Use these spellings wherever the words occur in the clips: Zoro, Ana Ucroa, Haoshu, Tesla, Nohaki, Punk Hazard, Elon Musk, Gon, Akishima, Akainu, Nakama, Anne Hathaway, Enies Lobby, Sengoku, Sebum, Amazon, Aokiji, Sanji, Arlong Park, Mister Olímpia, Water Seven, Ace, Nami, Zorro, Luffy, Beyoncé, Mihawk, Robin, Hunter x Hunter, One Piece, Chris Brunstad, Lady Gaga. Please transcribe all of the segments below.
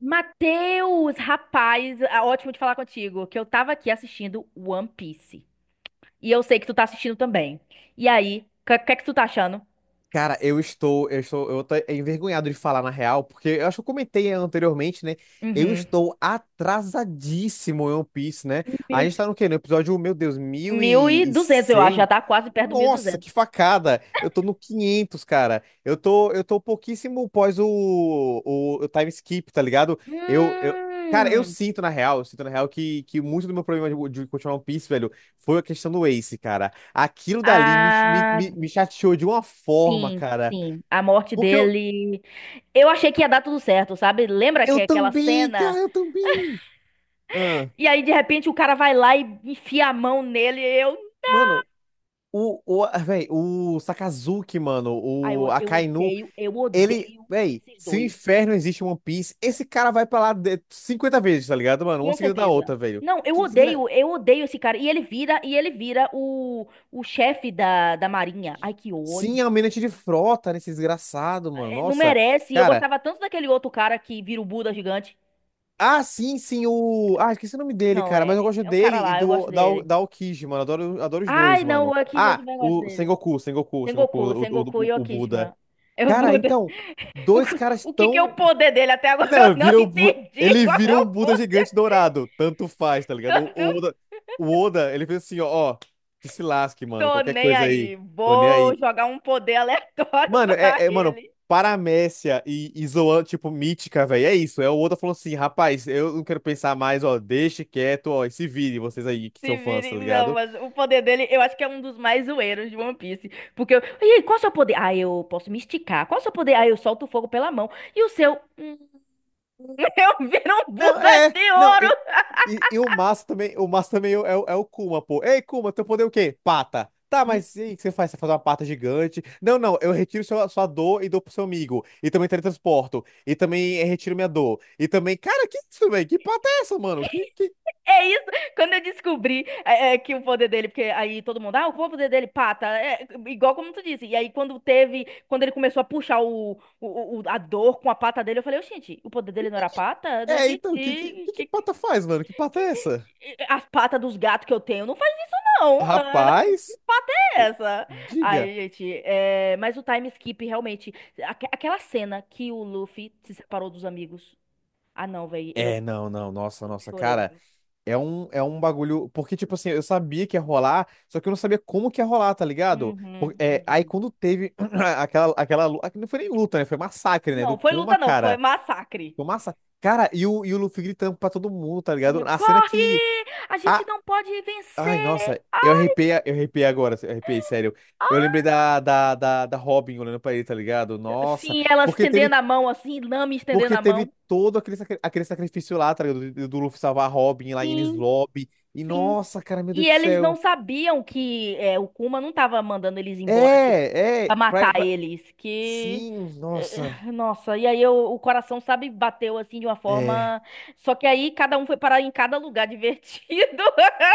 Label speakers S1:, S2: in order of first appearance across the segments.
S1: Matheus, rapaz, ah, ótimo de falar contigo, que eu tava aqui assistindo One Piece. E eu sei que tu tá assistindo também. E aí, o que, que é que tu tá achando?
S2: Cara, eu tô envergonhado de falar na real, porque eu acho que eu comentei anteriormente, né? Eu
S1: Uhum.
S2: estou atrasadíssimo em One Piece, né? A
S1: Mil,
S2: gente tá no quê? No episódio, meu Deus, mil
S1: mil e
S2: e
S1: duzentos, eu acho, já
S2: cem?
S1: tá quase perto do
S2: Nossa, que
S1: 1.200.
S2: facada! Eu tô no 500, cara. Eu tô pouquíssimo pós o time skip, tá ligado? Eu, eu, cara, eu
S1: Hum,
S2: sinto na real, eu sinto na real que muito do meu problema de continuar One Piece, velho, foi a questão do Ace, cara. Aquilo dali me, me,
S1: ah,
S2: me, me chateou de uma forma,
S1: sim,
S2: cara.
S1: sim, a morte
S2: Porque eu,
S1: dele. Eu achei que ia dar tudo certo, sabe? Lembra que
S2: eu
S1: aquela
S2: também, cara,
S1: cena?
S2: eu também. Ah,
S1: E aí, de repente, o cara vai lá e enfia a mão nele. Eu,
S2: mano, ah, véi, o Sakazuki, mano,
S1: ai,
S2: o
S1: eu
S2: Akainu,
S1: odeio, eu
S2: ele,
S1: odeio
S2: véi,
S1: esses
S2: se o
S1: dois.
S2: inferno existe em One Piece, esse cara vai pra lá de- 50 vezes, tá ligado, mano? Uma
S1: Com
S2: seguida da
S1: certeza.
S2: outra, velho.
S1: Não,
S2: Que desgra...
S1: eu odeio esse cara. E ele vira o chefe da Marinha. Ai, que ódio.
S2: Sim, é um almirante de frota, né, esse desgraçado, mano.
S1: É, não
S2: Nossa,
S1: merece. Eu
S2: cara.
S1: gostava tanto daquele outro cara que vira o Buda gigante.
S2: Ah, sim, sim, o. Ah, esqueci o nome dele,
S1: Não,
S2: cara, mas eu
S1: é,
S2: gosto
S1: é um
S2: dele
S1: cara
S2: e
S1: lá, eu
S2: do
S1: gosto
S2: da,
S1: dele.
S2: da Aokiji, mano. Adoro, adoro os dois,
S1: Ai, não, o
S2: mano.
S1: Akishima eu
S2: Ah,
S1: também gosto
S2: o
S1: dele.
S2: Sengoku,
S1: Sengoku,
S2: o, o,
S1: Sengoku
S2: o-
S1: e
S2: o Buda.
S1: Okishima. É o
S2: Cara,
S1: Buda.
S2: então,
S1: O,
S2: dois
S1: que-
S2: caras
S1: o que que é o
S2: tão.
S1: poder dele? Até agora eu
S2: Não,
S1: não
S2: viram.
S1: entendi
S2: Ele
S1: qual é
S2: virou
S1: o
S2: um Buda
S1: poder.
S2: gigante dourado. Tanto faz, tá
S1: Eu
S2: ligado? O, o
S1: não
S2: Oda, o Oda, ele fez assim, ó, que se lasque, mano.
S1: tô
S2: Qualquer
S1: nem
S2: coisa aí.
S1: aí.
S2: Tô nem
S1: Vou
S2: aí.
S1: jogar um poder aleatório
S2: Mano,
S1: pra
S2: mano,
S1: ele.
S2: paramécia e zoando, tipo, mítica, velho. É isso. É o outro falando assim, rapaz, eu não quero pensar mais, ó, deixe quieto, ó, e se virem vocês aí que
S1: Se
S2: são fãs, tá
S1: vire- Não,
S2: ligado?
S1: mas o poder dele, eu acho que é um dos mais zoeiros de One Piece. Porque eu. E aí, qual é o seu poder? Ah, eu posso me esticar. Qual é o seu poder? Ah, eu solto o fogo pela mão. E o seu. Eu viro um
S2: Não,
S1: Buda
S2: é,
S1: de
S2: não,
S1: ouro!
S2: e, e, e o Massa também é o Kuma, pô. Ei, Kuma, teu poder é o quê? Pata. Tá,
S1: Hum,
S2: mas e aí, o que você faz? Você faz uma pata gigante? Não, não, eu retiro sua dor e dou pro seu amigo. E também teletransporto. E também retiro minha dor. E também, cara, que isso, velho? Que pata é essa, mano? Que
S1: É isso. Quando eu descobri que o poder dele, porque aí todo mundo, ah, qual é o poder dele? Pata. É, igual como tu disse. E aí, quando teve. Quando ele começou a puxar a dor com a pata dele, eu falei, gente, o poder dele não era pata? Eu não
S2: É,
S1: entendi.
S2: então, que que
S1: Que- que-
S2: pata faz, mano? Que pata é essa?
S1: As patas dos gatos que eu tenho não. Não, que
S2: Rapaz,
S1: pata é
S2: e-
S1: essa?
S2: diga.
S1: Aí, gente, mas o time skip realmente. Aquela cena que o Luffy se separou dos amigos. Ah, não, velho, eu,
S2: É, não, não, nossa,
S1: eu
S2: nossa,
S1: chorei, né?
S2: cara, é um bagulho. Porque, tipo assim, eu sabia que ia rolar, só que eu não sabia como que ia rolar, tá ligado?
S1: Uhum,
S2: É, aí
S1: uhum.
S2: quando teve aquela. Não foi nem luta, né? Foi massacre, né? Do
S1: Não, foi
S2: Kuma,
S1: luta, não, foi
S2: cara.
S1: massacre.
S2: Foi massa. Cara, e o Luffy gritando pra todo mundo, tá ligado? A cena que.
S1: Corre! A gente
S2: A
S1: não pode
S2: Ai,
S1: vencer!
S2: nossa,
S1: Ah,
S2: eu arrepiei agora, eu arrepiei, sério. Eu
S1: ah.
S2: lembrei da Robin olhando pra ele, tá ligado? Nossa,
S1: Sim, ela
S2: porque
S1: estendendo
S2: teve,
S1: a mão assim, Nami estendendo
S2: porque
S1: a
S2: teve
S1: mão.
S2: todo aquele sacrifício lá, tá ligado? Do Luffy salvar a Robin lá em Enies
S1: Sim,
S2: Lobby. E
S1: sim.
S2: nossa, cara, meu
S1: E
S2: Deus do
S1: eles não
S2: céu.
S1: sabiam que o Kuma não tava mandando eles embora, tipo,
S2: É,
S1: pra
S2: é, pra-
S1: matar
S2: pra-
S1: eles. Que.
S2: sim, nossa,
S1: Nossa, e aí o coração, sabe, bateu assim de uma
S2: é.
S1: forma. Só que aí cada um foi parar em cada lugar divertido.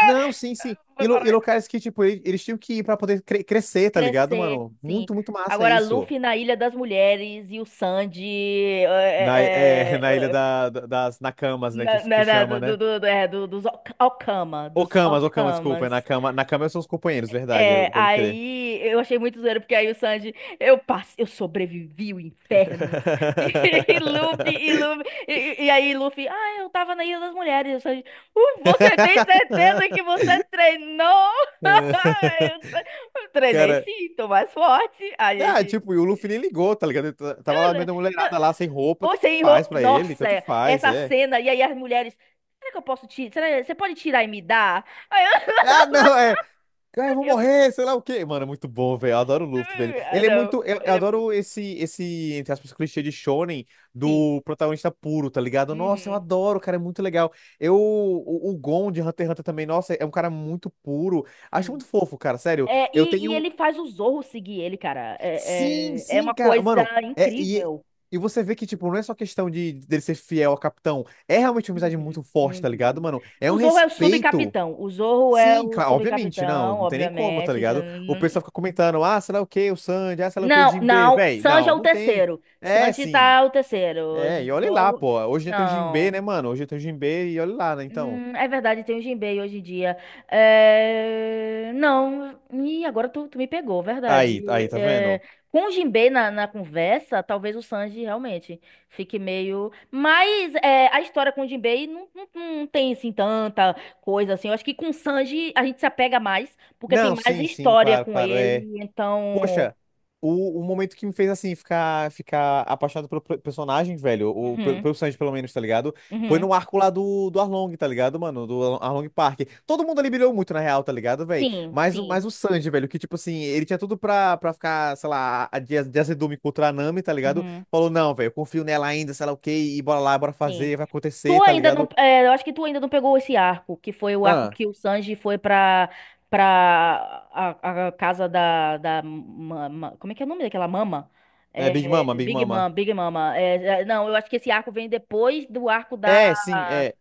S2: Não, sim, sim. E,
S1: Foi
S2: lu- e
S1: parar.
S2: locais que, tipo, eles tinham que ir pra poder crescer, tá ligado,
S1: Crescer,
S2: mano?
S1: sim.
S2: Muito, muito massa
S1: Agora,
S2: isso.
S1: Luffy na Ilha das Mulheres e o Sanji eh,
S2: É,
S1: eh,
S2: na ilha
S1: eh, eh,
S2: das Nakamas, né, que, que chama, né?
S1: dos Okama, dos
S2: Ô, Camas, desculpa. É na
S1: Okamas.
S2: cama, na cama são os companheiros, verdade,
S1: É,
S2: pode crer.
S1: aí eu achei muito zoeiro, porque aí o Sanji, eu sobrevivi o inferno. E, Luffy, e Luffy, e, e aí Luffy, ah, eu tava na Ilha das Mulheres. E o Sanji: "Você tem certeza que você treinou?"
S2: É,
S1: Eu treinei
S2: cara,
S1: sim, tô mais forte. A
S2: ah,
S1: gente.
S2: tipo, e o Luffy nem ligou, tá ligado? Ele tava lá meio
S1: "Olha,
S2: da
S1: não,
S2: mulherada lá, sem roupa,
S1: você
S2: tanto faz
S1: enrolou."
S2: pra ele,
S1: Nossa,
S2: tanto faz,
S1: essa
S2: é.
S1: cena, e aí as mulheres, será que eu posso tirar? Será, você pode tirar e me dar? Aí
S2: Ah, não, é. Cara, eu vou
S1: eu, eu,
S2: morrer, sei lá o quê. Mano, é muito bom, velho. Eu adoro o Luffy, velho.
S1: ah,
S2: Ele é
S1: não,
S2: muito. Eu,
S1: eu
S2: eu
S1: é mu-
S2: adoro esse, entre aspas, clichê de shonen
S1: sim.
S2: do protagonista puro, tá ligado? Nossa, eu
S1: Uhum.
S2: adoro, cara, é muito legal. Eu. O Gon de Hunter x Hunter também, nossa, é um cara muito puro. Acho
S1: Sim.
S2: muito fofo, cara, sério.
S1: É,
S2: Eu
S1: e
S2: tenho.
S1: ele faz o Zorro seguir ele, cara.
S2: Sim,
S1: É
S2: sim,
S1: uma
S2: cara.
S1: coisa
S2: Mano, é. E,
S1: incrível.
S2: e você vê que, tipo, não é só questão de dele ser fiel ao capitão. É realmente uma amizade muito
S1: Uhum,
S2: forte, tá ligado,
S1: uhum.
S2: mano? É
S1: O
S2: um
S1: Zorro é o
S2: respeito.
S1: subcapitão. O Zorro é
S2: Sim,
S1: o
S2: claro, obviamente, não,
S1: subcapitão,
S2: não tem nem como, tá
S1: obviamente.
S2: ligado? O pessoal fica comentando, ah, sei lá o que, o Sandy, ah, sei lá o que, o
S1: Não,
S2: Jinbe.
S1: não.
S2: Véi,
S1: Sanji é
S2: não,
S1: o
S2: não tem.
S1: terceiro.
S2: É,
S1: Sanji
S2: sim.
S1: tá o terceiro.
S2: É, e olha lá,
S1: Zorro.
S2: pô. Hoje já tem o Jinbe,
S1: Não.
S2: né, mano? Hoje já tem o Jinbe e olha lá, né, então.
S1: É verdade, tem o Jinbei hoje em dia. É, não, e agora tu me pegou, verdade.
S2: Aí, aí, tá
S1: É,
S2: vendo?
S1: com o Jinbei na conversa, talvez o Sanji realmente fique meio. Mas a história com o Jinbei não, não, não tem assim tanta coisa assim. Eu acho que com o Sanji a gente se apega mais, porque tem
S2: Não,
S1: mais
S2: sim, sim,
S1: história
S2: claro,
S1: com
S2: claro,
S1: ele.
S2: é.
S1: Então.
S2: Poxa, o momento que me fez assim ficar apaixonado pelo personagem, velho, ou pelo,
S1: Uhum,
S2: pelo Sanji pelo menos, tá ligado? Foi
S1: uhum.
S2: no arco lá do Arlong, tá ligado, mano? Do Arlong Park. Todo mundo ali brilhou muito, na real, tá ligado, velho?
S1: Sim,
S2: Mas,
S1: sim.
S2: mas o Sanji, velho, que tipo assim, ele tinha tudo pra ficar, sei lá, de azedume contra a Nami, tá ligado?
S1: Uhum,
S2: Falou, não, velho, eu confio nela ainda, sei lá o quê, e bora lá, bora
S1: sim.
S2: fazer, vai
S1: Tu
S2: acontecer, tá
S1: ainda não,
S2: ligado?
S1: é, eu acho que tu ainda não pegou esse arco, que foi o arco
S2: Ah,
S1: que o Sanji foi pra a casa da mama, como é que é o nome daquela mama?
S2: é Big Mama,
S1: É,
S2: Big
S1: Big Mama,
S2: Mama.
S1: Big Mama. É, não, eu acho que esse arco vem depois do arco
S2: É, sim, é.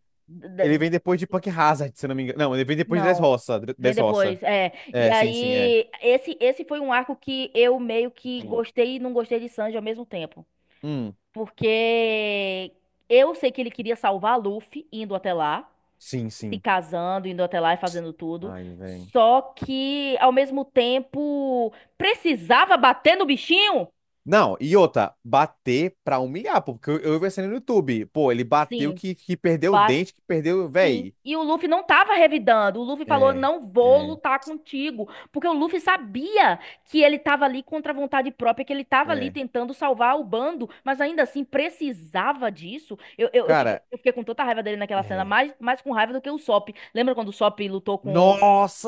S2: Ele
S1: da-
S2: vem depois de Punk Hazard, se não me engano. Não, ele vem depois de
S1: não,
S2: Dressrosa,
S1: vem
S2: Dressrosa.
S1: depois, é. E
S2: É.
S1: aí, esse foi um arco que eu meio que
S2: Sim.
S1: gostei e não gostei de Sanji ao mesmo tempo.
S2: Hum,
S1: Porque eu sei que ele queria salvar Luffy indo até lá.
S2: sim,
S1: Se
S2: sim.
S1: casando, indo até lá e fazendo tudo.
S2: Ai, velho.
S1: Só que, ao mesmo tempo, precisava bater no bichinho?
S2: Não, e outra, bater pra humilhar, pô, porque eu vi essa no YouTube. Pô, ele bateu
S1: Sim,
S2: que perdeu o
S1: bate.
S2: dente, que perdeu,
S1: Sim.
S2: velho.
S1: E o Luffy não tava revidando. O Luffy falou:
S2: É,
S1: não vou
S2: é,
S1: lutar contigo. Porque o Luffy sabia que ele tava ali contra a vontade própria, que ele tava ali
S2: é.
S1: tentando salvar o bando, mas ainda assim precisava disso. Eu, eu, eu fiquei,
S2: Cara,
S1: eu fiquei com tanta raiva dele naquela cena,
S2: é.
S1: mais, mais com raiva do que o Sop. Lembra quando o Sop lutou com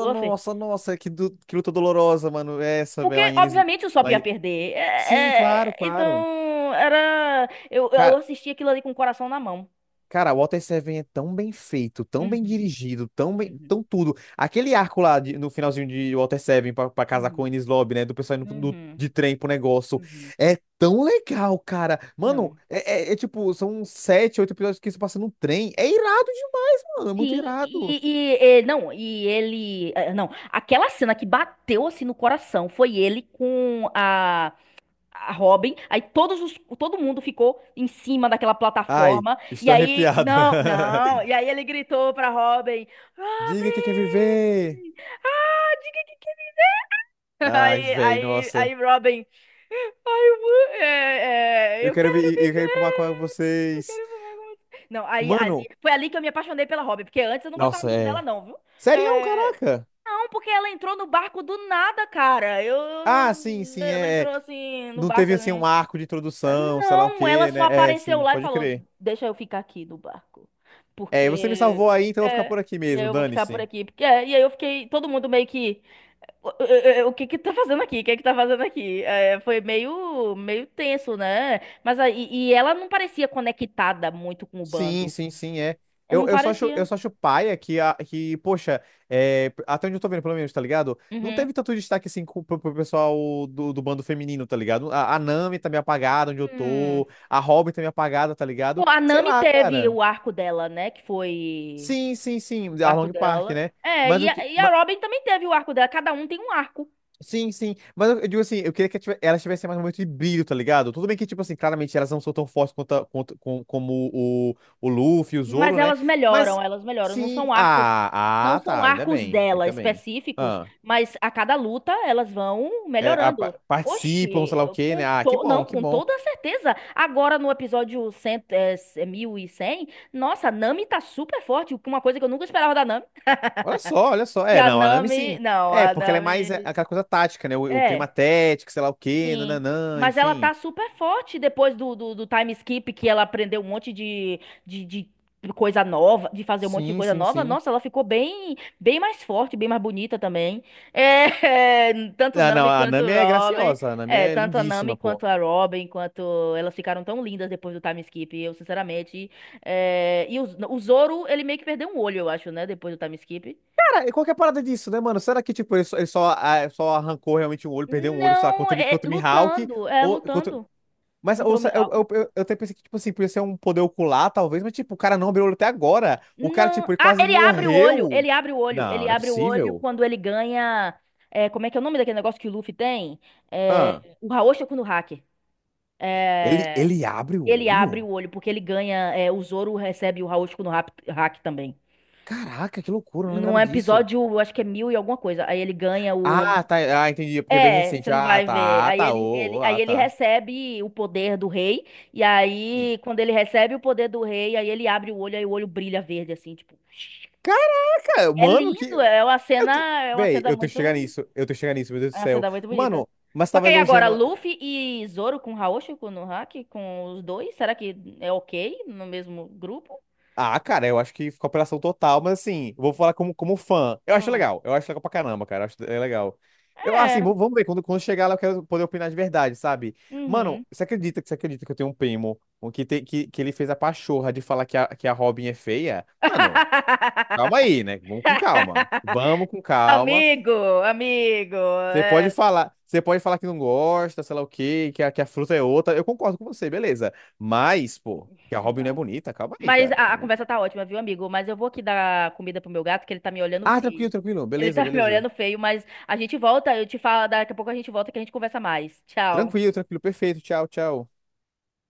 S1: o Luffy?
S2: nossa, nossa, que luta dolorosa, mano. Essa,
S1: Porque,
S2: velho, lá em Enes.
S1: obviamente, o Sop
S2: Lá
S1: ia
S2: em...
S1: perder.
S2: Sim, claro,
S1: É,
S2: claro.
S1: então, era. Eu
S2: Cara,
S1: assisti aquilo ali com o coração na mão.
S2: O Water Seven é tão bem feito, tão bem
S1: Uhum,
S2: dirigido, tão bem, tão
S1: uhum,
S2: tudo. Aquele arco lá no finalzinho de Water Seven pra casar com o
S1: uhum,
S2: Enies Lobby, né? Do pessoal indo pro- do-
S1: uhum,
S2: de trem pro negócio.
S1: uhum.
S2: É tão legal, cara. Mano,
S1: Não.
S2: é tipo, são sete, oito episódios que se passa no trem. É irado demais, mano. É muito
S1: Sim,
S2: irado.
S1: não, e ele. Não, aquela cena que bateu assim no coração foi ele com a Robin. Aí todo mundo ficou em cima daquela
S2: Ai,
S1: plataforma. E
S2: estou
S1: aí.
S2: arrepiado.
S1: Não, não. E aí ele gritou pra Robin:
S2: Diga que quer viver.
S1: Robin! Ah, diga que.
S2: Ai,
S1: Aí,
S2: véi,
S1: aí,
S2: nossa.
S1: aí, Robin. Ai,
S2: Eu
S1: eu
S2: quero,
S1: quero
S2: vi- eu quero ir pro mar com
S1: viver. Eu
S2: vocês.
S1: quero voar com você. Não, aí, ali,
S2: Mano,
S1: foi ali que eu me apaixonei pela Robin, porque antes eu não gostava
S2: nossa,
S1: muito dela,
S2: é.
S1: não, viu?
S2: Serião,
S1: É,
S2: caraca.
S1: não, porque ela entrou no barco do nada, cara. Eu,
S2: Ah, sim, sim,
S1: ela
S2: é. É.
S1: entrou assim no
S2: Não
S1: barco
S2: teve assim
S1: assim.
S2: um arco de introdução, sei lá o
S1: Não, ela
S2: quê,
S1: só
S2: né? É,
S1: apareceu
S2: sim,
S1: lá e
S2: pode
S1: falou:
S2: crer.
S1: deixa eu ficar aqui no barco.
S2: É, você me
S1: Porque.
S2: salvou aí, então eu vou ficar
S1: É,
S2: por aqui
S1: e aí
S2: mesmo,
S1: eu vou ficar por
S2: dane-se.
S1: aqui. Porque, e aí eu fiquei. Todo mundo meio que. O que que tá fazendo aqui? O que é que tá fazendo aqui? É, foi meio, meio tenso, né? Mas aí, e ela não parecia conectada muito com o
S2: Sim,
S1: bando.
S2: sim, sim, é.
S1: É,
S2: Eu,
S1: não
S2: eu só acho, eu
S1: parecia.
S2: só acho paia que poxa, é, até onde eu tô vendo, pelo menos, tá ligado? Não
S1: Uhum.
S2: teve tanto destaque assim pro pessoal do bando feminino, tá ligado? A Nami tá meio apagada onde eu
S1: Hum.
S2: tô, a Robin tá meio apagada, tá
S1: Pô,
S2: ligado?
S1: a
S2: Sei
S1: Nami
S2: lá,
S1: teve
S2: cara.
S1: o arco dela, né? Que foi
S2: Sim, sim, sim,
S1: o
S2: a
S1: arco
S2: Long Park,
S1: dela.
S2: né?
S1: É,
S2: Mas
S1: e
S2: o
S1: a,
S2: que.
S1: e a Robin também teve o arco dela. Cada um tem um arco.
S2: Sim, sim. Mas eu digo assim, eu queria que elas tivessem mais um momento de brilho, tá ligado? Tudo bem que, tipo assim, claramente elas não são tão fortes quanto, a- quanto- com- como o Luffy, e o
S1: Mas
S2: Zoro, né?
S1: elas melhoram,
S2: Mas
S1: elas melhoram. Não
S2: sim.
S1: são arcos,
S2: Ah,
S1: não
S2: ah,
S1: são
S2: tá. Ainda
S1: arcos
S2: bem.
S1: dela
S2: Ainda bem.
S1: específicos,
S2: Ah,
S1: mas a cada luta elas vão
S2: é,
S1: melhorando.
S2: participam,
S1: Oxi,
S2: sei lá o quê, né? Ah, que
S1: não,
S2: bom, que
S1: com
S2: bom.
S1: toda certeza. Agora no episódio 100, 1100, nossa, a Nami tá super forte, uma coisa que eu nunca esperava da Nami.
S2: Olha só, olha só.
S1: Que
S2: É,
S1: a
S2: não, a Nami
S1: Nami,
S2: sim.
S1: não,
S2: É,
S1: a
S2: porque ela é mais é,
S1: Nami,
S2: aquela coisa tática, né? O clima
S1: é.
S2: tético, sei lá o quê,
S1: Sim,
S2: nananã,
S1: mas ela
S2: enfim.
S1: tá super forte depois do time skip que ela aprendeu um monte de coisa nova, de fazer um monte de
S2: Sim,
S1: coisa
S2: sim,
S1: nova.
S2: sim.
S1: Nossa, ela ficou bem bem mais forte, bem mais bonita também. É,
S2: Ah, não, a Nami é graciosa, a Nami é
S1: Tanto a Nami
S2: lindíssima, pô.
S1: quanto a Robin, quanto elas ficaram tão lindas depois do time skip. Eu, sinceramente, e o Zoro, ele meio que perdeu um olho, eu acho, né, depois do time skip.
S2: Cara, e qual que é a parada disso, né, mano? Será que, tipo, ele só arrancou realmente um olho, perdeu um olho, sei lá,
S1: Não,
S2: contra, o Mi- contra o Mihawk?
S1: é
S2: Ou, contra...
S1: lutando
S2: Mas
S1: contra
S2: ou,
S1: o
S2: se-
S1: Mihawk.
S2: eu até pensei que, tipo assim, podia ser um poder ocular, talvez, mas, tipo, o cara não abriu o olho até agora. O cara, tipo,
S1: Não.
S2: ele
S1: Ah,
S2: quase
S1: ele abre o olho.
S2: morreu.
S1: Ele abre o olho.
S2: Não,
S1: Ele
S2: não é
S1: abre o olho
S2: possível.
S1: quando ele ganha. Como é que é o nome daquele negócio que o Luffy tem? É,
S2: Ah,
S1: o Raoshi no hack.
S2: ele,
S1: É,
S2: ele abre o
S1: ele abre
S2: olho?
S1: o olho porque ele ganha. É, o Zoro recebe o Raoshi no hack também.
S2: Caraca, que loucura, eu não
S1: Num
S2: lembrava disso.
S1: episódio, eu acho que é mil e alguma coisa. Aí ele ganha o.
S2: Ah, tá, ah, entendi, porque é bem
S1: É, você
S2: recente.
S1: não
S2: Ah,
S1: vai ver.
S2: tá, ah,
S1: Aí
S2: tá,
S1: ele,
S2: ô,
S1: ele,
S2: ô,
S1: aí
S2: ah,
S1: ele
S2: tá.
S1: recebe o poder do rei. E aí, quando ele recebe o poder do rei, aí ele abre o olho, aí o olho brilha verde, assim, tipo.
S2: Caraca,
S1: É
S2: mano, que.
S1: lindo,
S2: Eu te...
S1: é uma
S2: Véi,
S1: cena
S2: eu tenho que
S1: muito,
S2: chegar nisso. Eu tenho que chegar nisso, meu Deus do
S1: é uma
S2: céu.
S1: cena muito bonita.
S2: Mano, mas
S1: Só
S2: tava
S1: que aí agora,
S2: elogiando.
S1: Luffy e Zoro com Haoshu, com Nohaki, com os dois, será que é ok no mesmo grupo?
S2: Ah, cara, eu acho que ficou apelação total, mas assim, eu vou falar como fã. Eu acho
S1: Hum.
S2: legal. Eu acho legal pra caramba, cara. Eu acho é legal. Eu,
S1: É,
S2: assim, vamos ver. Quando chegar lá, eu quero poder opinar de verdade, sabe? Mano,
S1: uhum.
S2: você acredita que eu tenho um primo que ele fez a pachorra de falar que a Robin é feia? Mano, calma aí, né? Vamos com calma. Vamos com calma.
S1: Amigo, amigo,
S2: Você pode falar, você pode falar que não gosta, sei lá o quê, que a fruta é outra. Eu concordo com você, beleza. Mas, pô, que a Robin não é
S1: não.
S2: bonita, calma aí,
S1: Mas
S2: cara.
S1: a
S2: Calma aí.
S1: conversa tá ótima, viu, amigo? Mas eu vou aqui dar comida pro meu gato, que ele tá me olhando
S2: Ah, tranquilo,
S1: feio.
S2: tranquilo.
S1: Ele
S2: Beleza,
S1: tá me
S2: beleza.
S1: olhando feio, mas a gente volta, eu te falo, daqui a pouco a gente volta que a gente conversa mais. Tchau.
S2: Tranquilo, tranquilo, perfeito. Tchau, tchau.